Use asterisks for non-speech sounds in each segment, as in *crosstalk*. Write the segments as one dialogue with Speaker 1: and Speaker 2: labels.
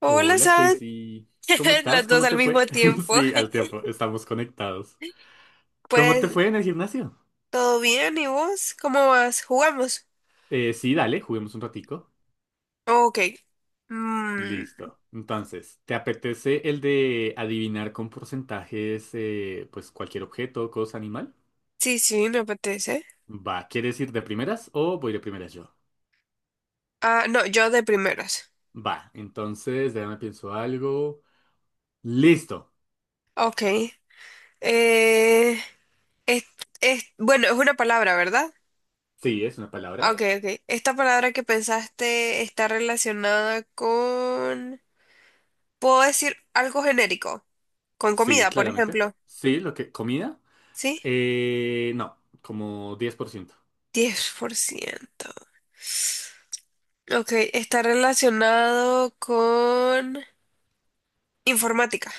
Speaker 1: Hola,
Speaker 2: Hola
Speaker 1: ¿sabes?
Speaker 2: Stacy, ¿cómo
Speaker 1: *laughs* las
Speaker 2: estás?
Speaker 1: dos
Speaker 2: ¿Cómo
Speaker 1: al
Speaker 2: te
Speaker 1: mismo
Speaker 2: fue? *laughs*
Speaker 1: tiempo.
Speaker 2: Sí, al tiempo,
Speaker 1: *laughs*
Speaker 2: estamos conectados. ¿Cómo te
Speaker 1: Pues,
Speaker 2: fue en el gimnasio?
Speaker 1: ¿todo bien? ¿Y vos? ¿Cómo vas? ¿Jugamos?
Speaker 2: Sí, dale, juguemos un ratico.
Speaker 1: Ok. Mm,
Speaker 2: Listo. Entonces, ¿te apetece el de adivinar con porcentajes, pues cualquier objeto, cosa, animal?
Speaker 1: sí, sí, me apetece.
Speaker 2: Va, ¿quieres ir de primeras o voy de primeras yo?
Speaker 1: Ah, no, yo de primeras.
Speaker 2: Va, entonces, déjame pienso algo. Listo.
Speaker 1: Ok. Eh, es, bueno, es una palabra, ¿verdad?
Speaker 2: Sí, es una
Speaker 1: Ok,
Speaker 2: palabra.
Speaker 1: ok. Esta palabra que pensaste está relacionada con... ¿Puedo decir algo genérico? Con
Speaker 2: Sí,
Speaker 1: comida, por
Speaker 2: claramente.
Speaker 1: ejemplo.
Speaker 2: Sí, lo que, comida.
Speaker 1: ¿Sí?
Speaker 2: No, como 10%.
Speaker 1: 10%. Ok, está relacionado con informática.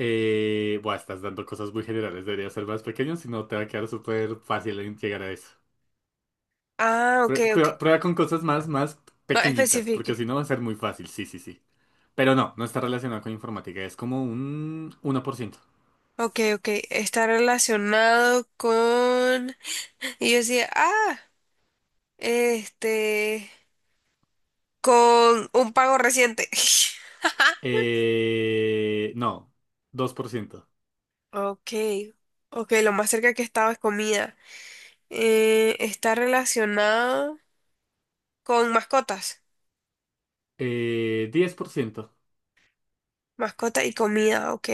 Speaker 2: Buah, estás dando cosas muy generales, debería ser más pequeño, si no te va a quedar súper fácil en llegar a eso.
Speaker 1: Ah, ok, ok.
Speaker 2: Prueba, prueba con cosas más
Speaker 1: Más
Speaker 2: pequeñitas,
Speaker 1: específico.
Speaker 2: porque si no va a ser muy fácil, sí, sí, sí. Pero no, no está relacionado con informática, es como un 1%.
Speaker 1: Ok, ok. Está relacionado con... Y yo decía, ah, este, con un pago reciente. *laughs*
Speaker 2: No, dos por ciento.
Speaker 1: Ok, ok, lo más cerca que estaba es comida. Está relacionado con mascotas.
Speaker 2: Diez por ciento.
Speaker 1: Mascota y comida, ok.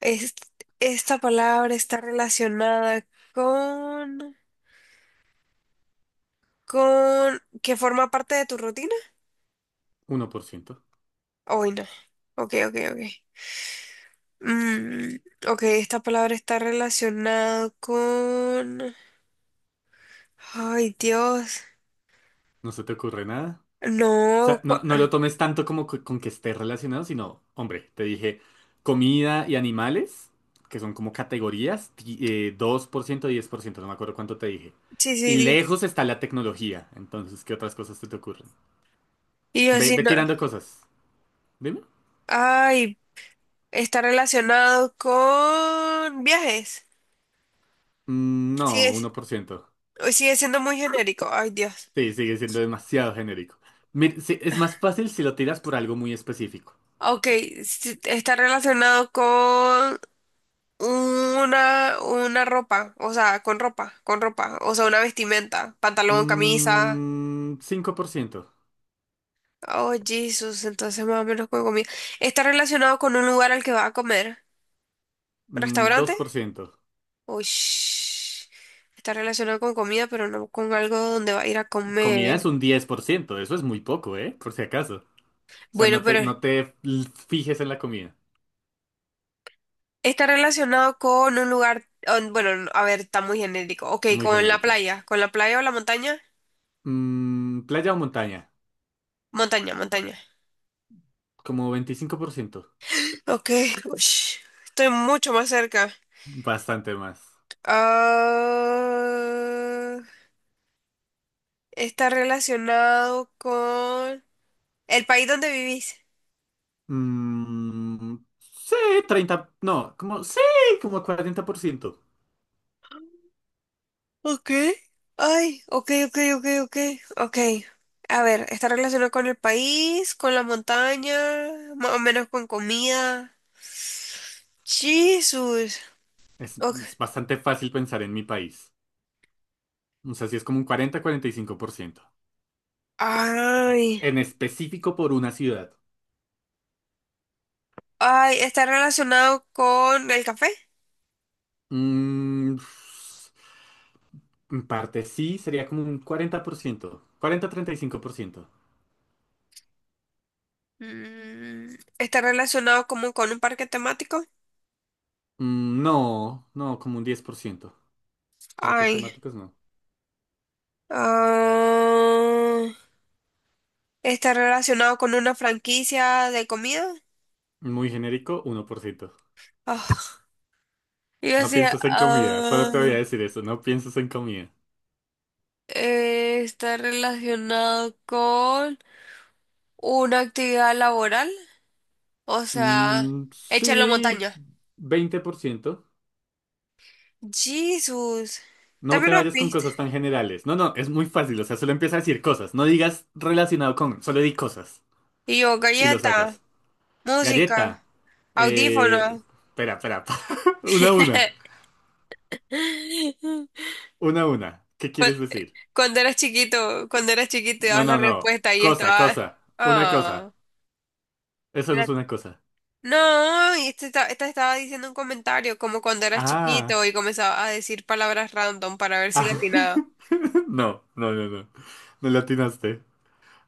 Speaker 1: Es- esta palabra está relacionada con... con que forma parte de tu rutina.
Speaker 2: Uno por ciento.
Speaker 1: Hoy no. Ok, ok, ok. Mm, ok, esta palabra está relacionada con... Ay, Dios.
Speaker 2: ¿No se te ocurre nada? O
Speaker 1: No.
Speaker 2: sea, no, no lo tomes tanto como con que esté relacionado, sino, hombre, te dije comida y animales, que son como categorías, dos por ciento, diez por ciento, no me acuerdo cuánto te dije.
Speaker 1: Sí, sí,
Speaker 2: Y
Speaker 1: diez.
Speaker 2: lejos está la tecnología. Entonces, ¿qué otras cosas se te ocurren?
Speaker 1: Y yo
Speaker 2: Ve,
Speaker 1: así
Speaker 2: ve
Speaker 1: no.
Speaker 2: tirando cosas. Dime.
Speaker 1: Ay, está relacionado con viajes.
Speaker 2: Mm, no,
Speaker 1: Sigue,
Speaker 2: uno por ciento.
Speaker 1: sigue siendo muy genérico. Ay, Dios.
Speaker 2: Sí, sigue siendo demasiado genérico. Sí, es más fácil si lo tiras por algo muy específico.
Speaker 1: Ok, sí, está relacionado. Una ropa, o sea, con ropa, o sea, una vestimenta, pantalón, camisa.
Speaker 2: Mm, 5%.
Speaker 1: Oh, Jesús, entonces más o menos con comida. ¿Está relacionado con un lugar al que va a comer? ¿Un
Speaker 2: Mm,
Speaker 1: restaurante?
Speaker 2: dos por ciento.
Speaker 1: Uy, está relacionado con comida, pero no con algo donde va a ir a
Speaker 2: Comida es
Speaker 1: comer.
Speaker 2: un 10%, eso es muy poco, ¿eh? Por si acaso. O sea,
Speaker 1: Bueno, pero
Speaker 2: no te fijes en la comida.
Speaker 1: está relacionado con un lugar, bueno, no, a ver, está muy genérico. Ok,
Speaker 2: Muy genérica.
Speaker 1: con la playa o la montaña.
Speaker 2: Mm, playa o montaña,
Speaker 1: Montaña, montaña.
Speaker 2: como veinticinco por ciento.
Speaker 1: Ok, uy, estoy mucho más cerca.
Speaker 2: Bastante más.
Speaker 1: Ah, está relacionado con el país donde vivís.
Speaker 2: Mm, sí, 30, no, como, sí, como 40%.
Speaker 1: Ok. Ay, ok, ok, ok, ok, ok. A ver, está relacionado con el país, con la montaña, más o menos con comida. Jesús. Ok.
Speaker 2: Es bastante fácil pensar en mi país. O sea, sí es como un cuarenta, cuarenta y cinco por ciento.
Speaker 1: Ay.
Speaker 2: En específico por una ciudad.
Speaker 1: Ay, está relacionado con el café.
Speaker 2: Mm, en parte sí, sería como un 40%, 40-35%.
Speaker 1: Mm, está relacionado como con un parque temático.
Speaker 2: Mm, no, no, como un 10%. Parques
Speaker 1: Ay.
Speaker 2: temáticos no.
Speaker 1: Ah, está relacionado con una franquicia de comida.
Speaker 2: Muy genérico, uno por ciento.
Speaker 1: Ah, y yo
Speaker 2: No
Speaker 1: decía,
Speaker 2: pienses en comida, solo te
Speaker 1: ah,
Speaker 2: voy a decir eso, no pienses en comida.
Speaker 1: está relacionado con una actividad laboral. O sea,
Speaker 2: Mm,
Speaker 1: hecha en la
Speaker 2: sí,
Speaker 1: montaña.
Speaker 2: 20%.
Speaker 1: Jesús.
Speaker 2: No te
Speaker 1: También una
Speaker 2: vayas con
Speaker 1: pista.
Speaker 2: cosas tan generales. No, no, es muy fácil, o sea, solo empieza a decir cosas. No digas relacionado con, solo di cosas
Speaker 1: Y yo,
Speaker 2: y lo
Speaker 1: galleta,
Speaker 2: sacas. Galleta.
Speaker 1: música,
Speaker 2: Eh,
Speaker 1: audífono.
Speaker 2: Espera, espera. *laughs* Una a una.
Speaker 1: *laughs*
Speaker 2: Una, una. ¿Qué
Speaker 1: Cu-
Speaker 2: quieres decir?
Speaker 1: Cuando eras chiquito,
Speaker 2: No,
Speaker 1: dabas la
Speaker 2: no, no.
Speaker 1: respuesta y
Speaker 2: Cosa,
Speaker 1: estaba.
Speaker 2: cosa. Una cosa.
Speaker 1: Ah.
Speaker 2: Eso no es una cosa.
Speaker 1: No, y este esta estaba diciendo un comentario, como cuando eras
Speaker 2: Ah.
Speaker 1: chiquito y comenzaba a decir palabras random para ver si le
Speaker 2: Ah.
Speaker 1: atinaba.
Speaker 2: *laughs* No, no, no, no. No le atinaste.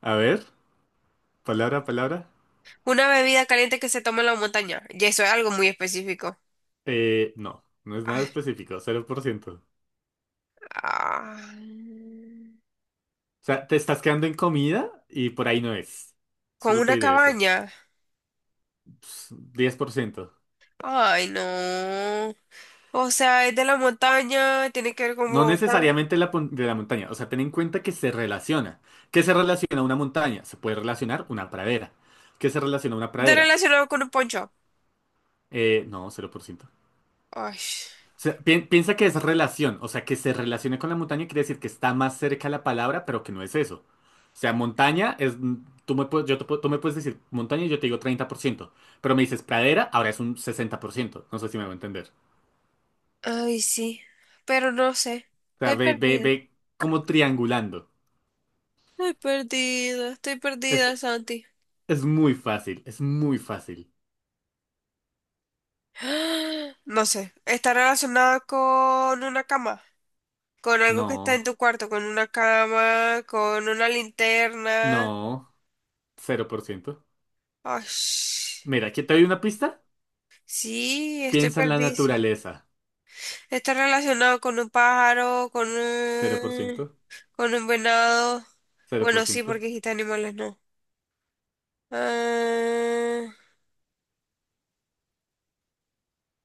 Speaker 2: A ver, palabra, palabra.
Speaker 1: Una bebida caliente que se toma en la montaña. Y eso es algo muy específico.
Speaker 2: No, no es nada
Speaker 1: Ay,
Speaker 2: específico, cero por ciento. O
Speaker 1: ah,
Speaker 2: sea, te estás quedando en comida y por ahí no es.
Speaker 1: con
Speaker 2: Solo te
Speaker 1: una
Speaker 2: diré eso.
Speaker 1: cabaña.
Speaker 2: Ps, 10%.
Speaker 1: Ay, no. O sea, es de la montaña, tiene que ver con
Speaker 2: No
Speaker 1: Bogotá.
Speaker 2: necesariamente de la montaña. O sea, ten en cuenta que se relaciona. ¿Qué se relaciona a una montaña? Se puede relacionar una pradera. ¿Qué se relaciona a una
Speaker 1: Está
Speaker 2: pradera?
Speaker 1: relacionado con un poncho.
Speaker 2: No, 0%.
Speaker 1: Ay,
Speaker 2: O sea, piensa que es relación, o sea, que se relacione con la montaña quiere decir que está más cerca la palabra, pero que no es eso. O sea, montaña es, mm, tú me puedes decir montaña y yo te digo treinta por ciento, pero me dices pradera, ahora es un sesenta por ciento, no sé si me va a entender.
Speaker 1: ay, sí. Pero no sé.
Speaker 2: O sea,
Speaker 1: Estoy
Speaker 2: ve, ve, ve
Speaker 1: perdida.
Speaker 2: como triangulando.
Speaker 1: Estoy perdida. Estoy
Speaker 2: Es,
Speaker 1: perdida, Santi.
Speaker 2: es muy fácil, es muy fácil.
Speaker 1: *gasps* No sé, está relacionada con una cama, con algo que está en
Speaker 2: No,
Speaker 1: tu cuarto, con una cama, con una linterna.
Speaker 2: no, cero por ciento.
Speaker 1: Ay,
Speaker 2: Mira, aquí te doy una pista.
Speaker 1: sí, estoy
Speaker 2: Piensa en la
Speaker 1: perdida.
Speaker 2: naturaleza,
Speaker 1: Está relacionado con un pájaro,
Speaker 2: cero cero por ciento,
Speaker 1: con un venado.
Speaker 2: cero por
Speaker 1: Bueno, sí,
Speaker 2: ciento.
Speaker 1: porque dijiste animales, no. Ah,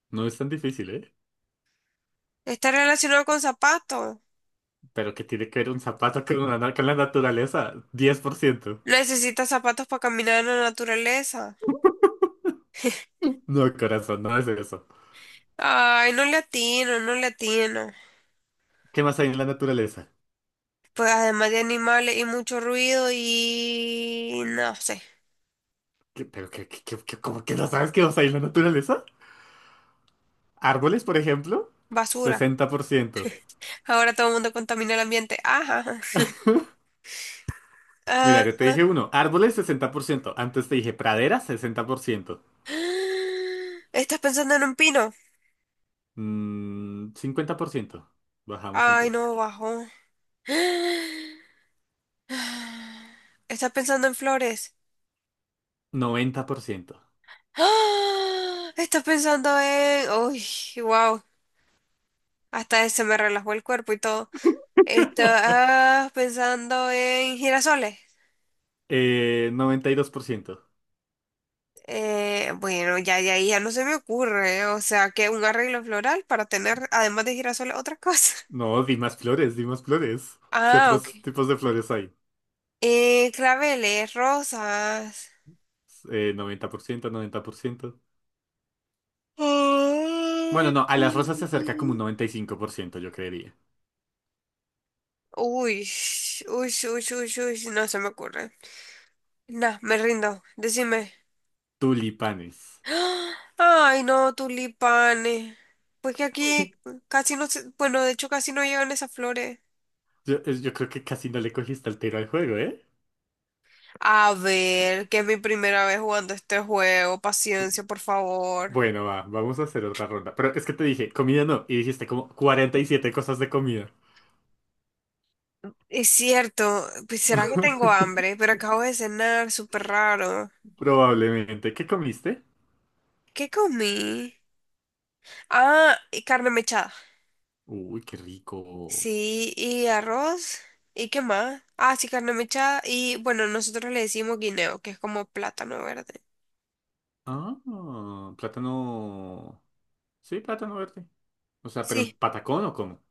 Speaker 2: No es tan difícil, ¿eh?
Speaker 1: está relacionado con zapatos.
Speaker 2: Pero que tiene que ver un zapato con una con la naturaleza. Diez por ciento.
Speaker 1: Necesita zapatos para caminar en la naturaleza.
Speaker 2: No, corazón, no es eso.
Speaker 1: Ay, no le atino, no le atino.
Speaker 2: ¿Qué más hay en la naturaleza?
Speaker 1: Pues además de animales y mucho ruido y no sé,
Speaker 2: Cómo que no sabes qué más hay en la naturaleza? ¿Árboles, por ejemplo?
Speaker 1: basura.
Speaker 2: Sesenta por ciento.
Speaker 1: Ahora todo el mundo contamina el ambiente. Ajá. Ah,
Speaker 2: Mira, yo te dije uno. Árboles, sesenta por ciento. Antes te dije praderas, 60%.
Speaker 1: *gasps* ¿estás pensando en un pino?
Speaker 2: Mm, cincuenta por ciento. Bajamos un
Speaker 1: Ay,
Speaker 2: poco.
Speaker 1: no, bajo. *gasps* ¿Estás pensando en flores?
Speaker 2: Noventa por ciento.
Speaker 1: *gasps* ¡Ah! ¿Estás pensando en... Uy, wow. Hasta ese me relajó el cuerpo y todo. ¿Estás pensando en girasoles?
Speaker 2: Noventa y dos por ciento.
Speaker 1: Bueno, ya de ahí ya no se me ocurre, ¿eh? O sea, que un arreglo floral para tener, además de girasoles, otra cosa. *laughs*
Speaker 2: No, di más flores, di más flores. ¿Qué
Speaker 1: Ah,
Speaker 2: otros
Speaker 1: ok.
Speaker 2: tipos de flores hay?
Speaker 1: Claveles, rosas.
Speaker 2: Noventa por ciento, noventa por ciento.
Speaker 1: Ay.
Speaker 2: Bueno, no, a las rosas se acerca como un noventa y cinco por ciento, yo creería.
Speaker 1: Uy, uy, uy, uy, uy, no se me ocurre. Nah, me rindo, decime.
Speaker 2: Tulipanes.
Speaker 1: *gasps* ¡Ah! Ay, no, tulipanes. Pues que aquí casi no se, bueno, de hecho casi no llevan esas flores.
Speaker 2: Yo, yo creo que casi no le cogiste el tiro al juego, ¿eh?
Speaker 1: A ver, que es mi primera vez jugando este juego. Paciencia, por favor.
Speaker 2: Bueno, va, vamos a hacer otra ronda. Pero es que te dije, comida no, y dijiste como 47 cosas de comida.
Speaker 1: Es cierto, pues será que tengo
Speaker 2: *laughs*
Speaker 1: hambre, pero acabo de cenar, súper raro.
Speaker 2: Probablemente. ¿Qué comiste?
Speaker 1: ¿Qué comí? Ah, y carne mechada.
Speaker 2: Uy, qué rico.
Speaker 1: Sí, y arroz. ¿Y qué más? Ah, sí, carne mechada. Y bueno, nosotros le decimos guineo, que es como plátano verde.
Speaker 2: Ah, plátano. Sí, plátano verde. O sea, ¿pero en
Speaker 1: Sí.
Speaker 2: patacón o cómo?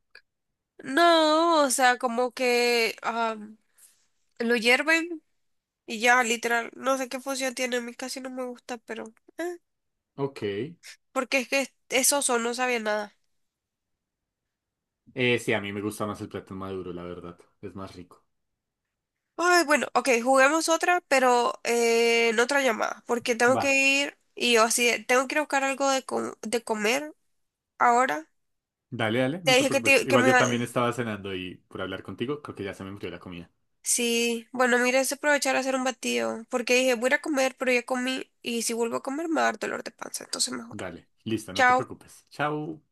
Speaker 1: No, o sea, como que ah, lo hierven y ya, literal. No sé qué función tiene, a mí casi no me gusta, pero... eh.
Speaker 2: Ok.
Speaker 1: Porque es que esos son, no sabía nada.
Speaker 2: Sí, a mí me gusta más el plátano maduro, la verdad. Es más rico.
Speaker 1: Ay, bueno, ok, juguemos otra, pero en otra llamada, porque tengo que
Speaker 2: Va.
Speaker 1: ir y yo así, de, tengo que ir a buscar algo de, de comer ahora.
Speaker 2: Dale, dale,
Speaker 1: Te
Speaker 2: no te
Speaker 1: dije que,
Speaker 2: preocupes.
Speaker 1: que
Speaker 2: Igual
Speaker 1: me
Speaker 2: yo
Speaker 1: iba...
Speaker 2: también estaba cenando y por hablar contigo, creo que ya se me enfrió la comida.
Speaker 1: Sí, bueno, mira, es aprovechar a hacer un batido, porque dije, voy a ir a comer, pero ya comí y si vuelvo a comer me va a dar dolor de panza, entonces mejor.
Speaker 2: Dale, listo, no te
Speaker 1: Chao.
Speaker 2: preocupes. Chao.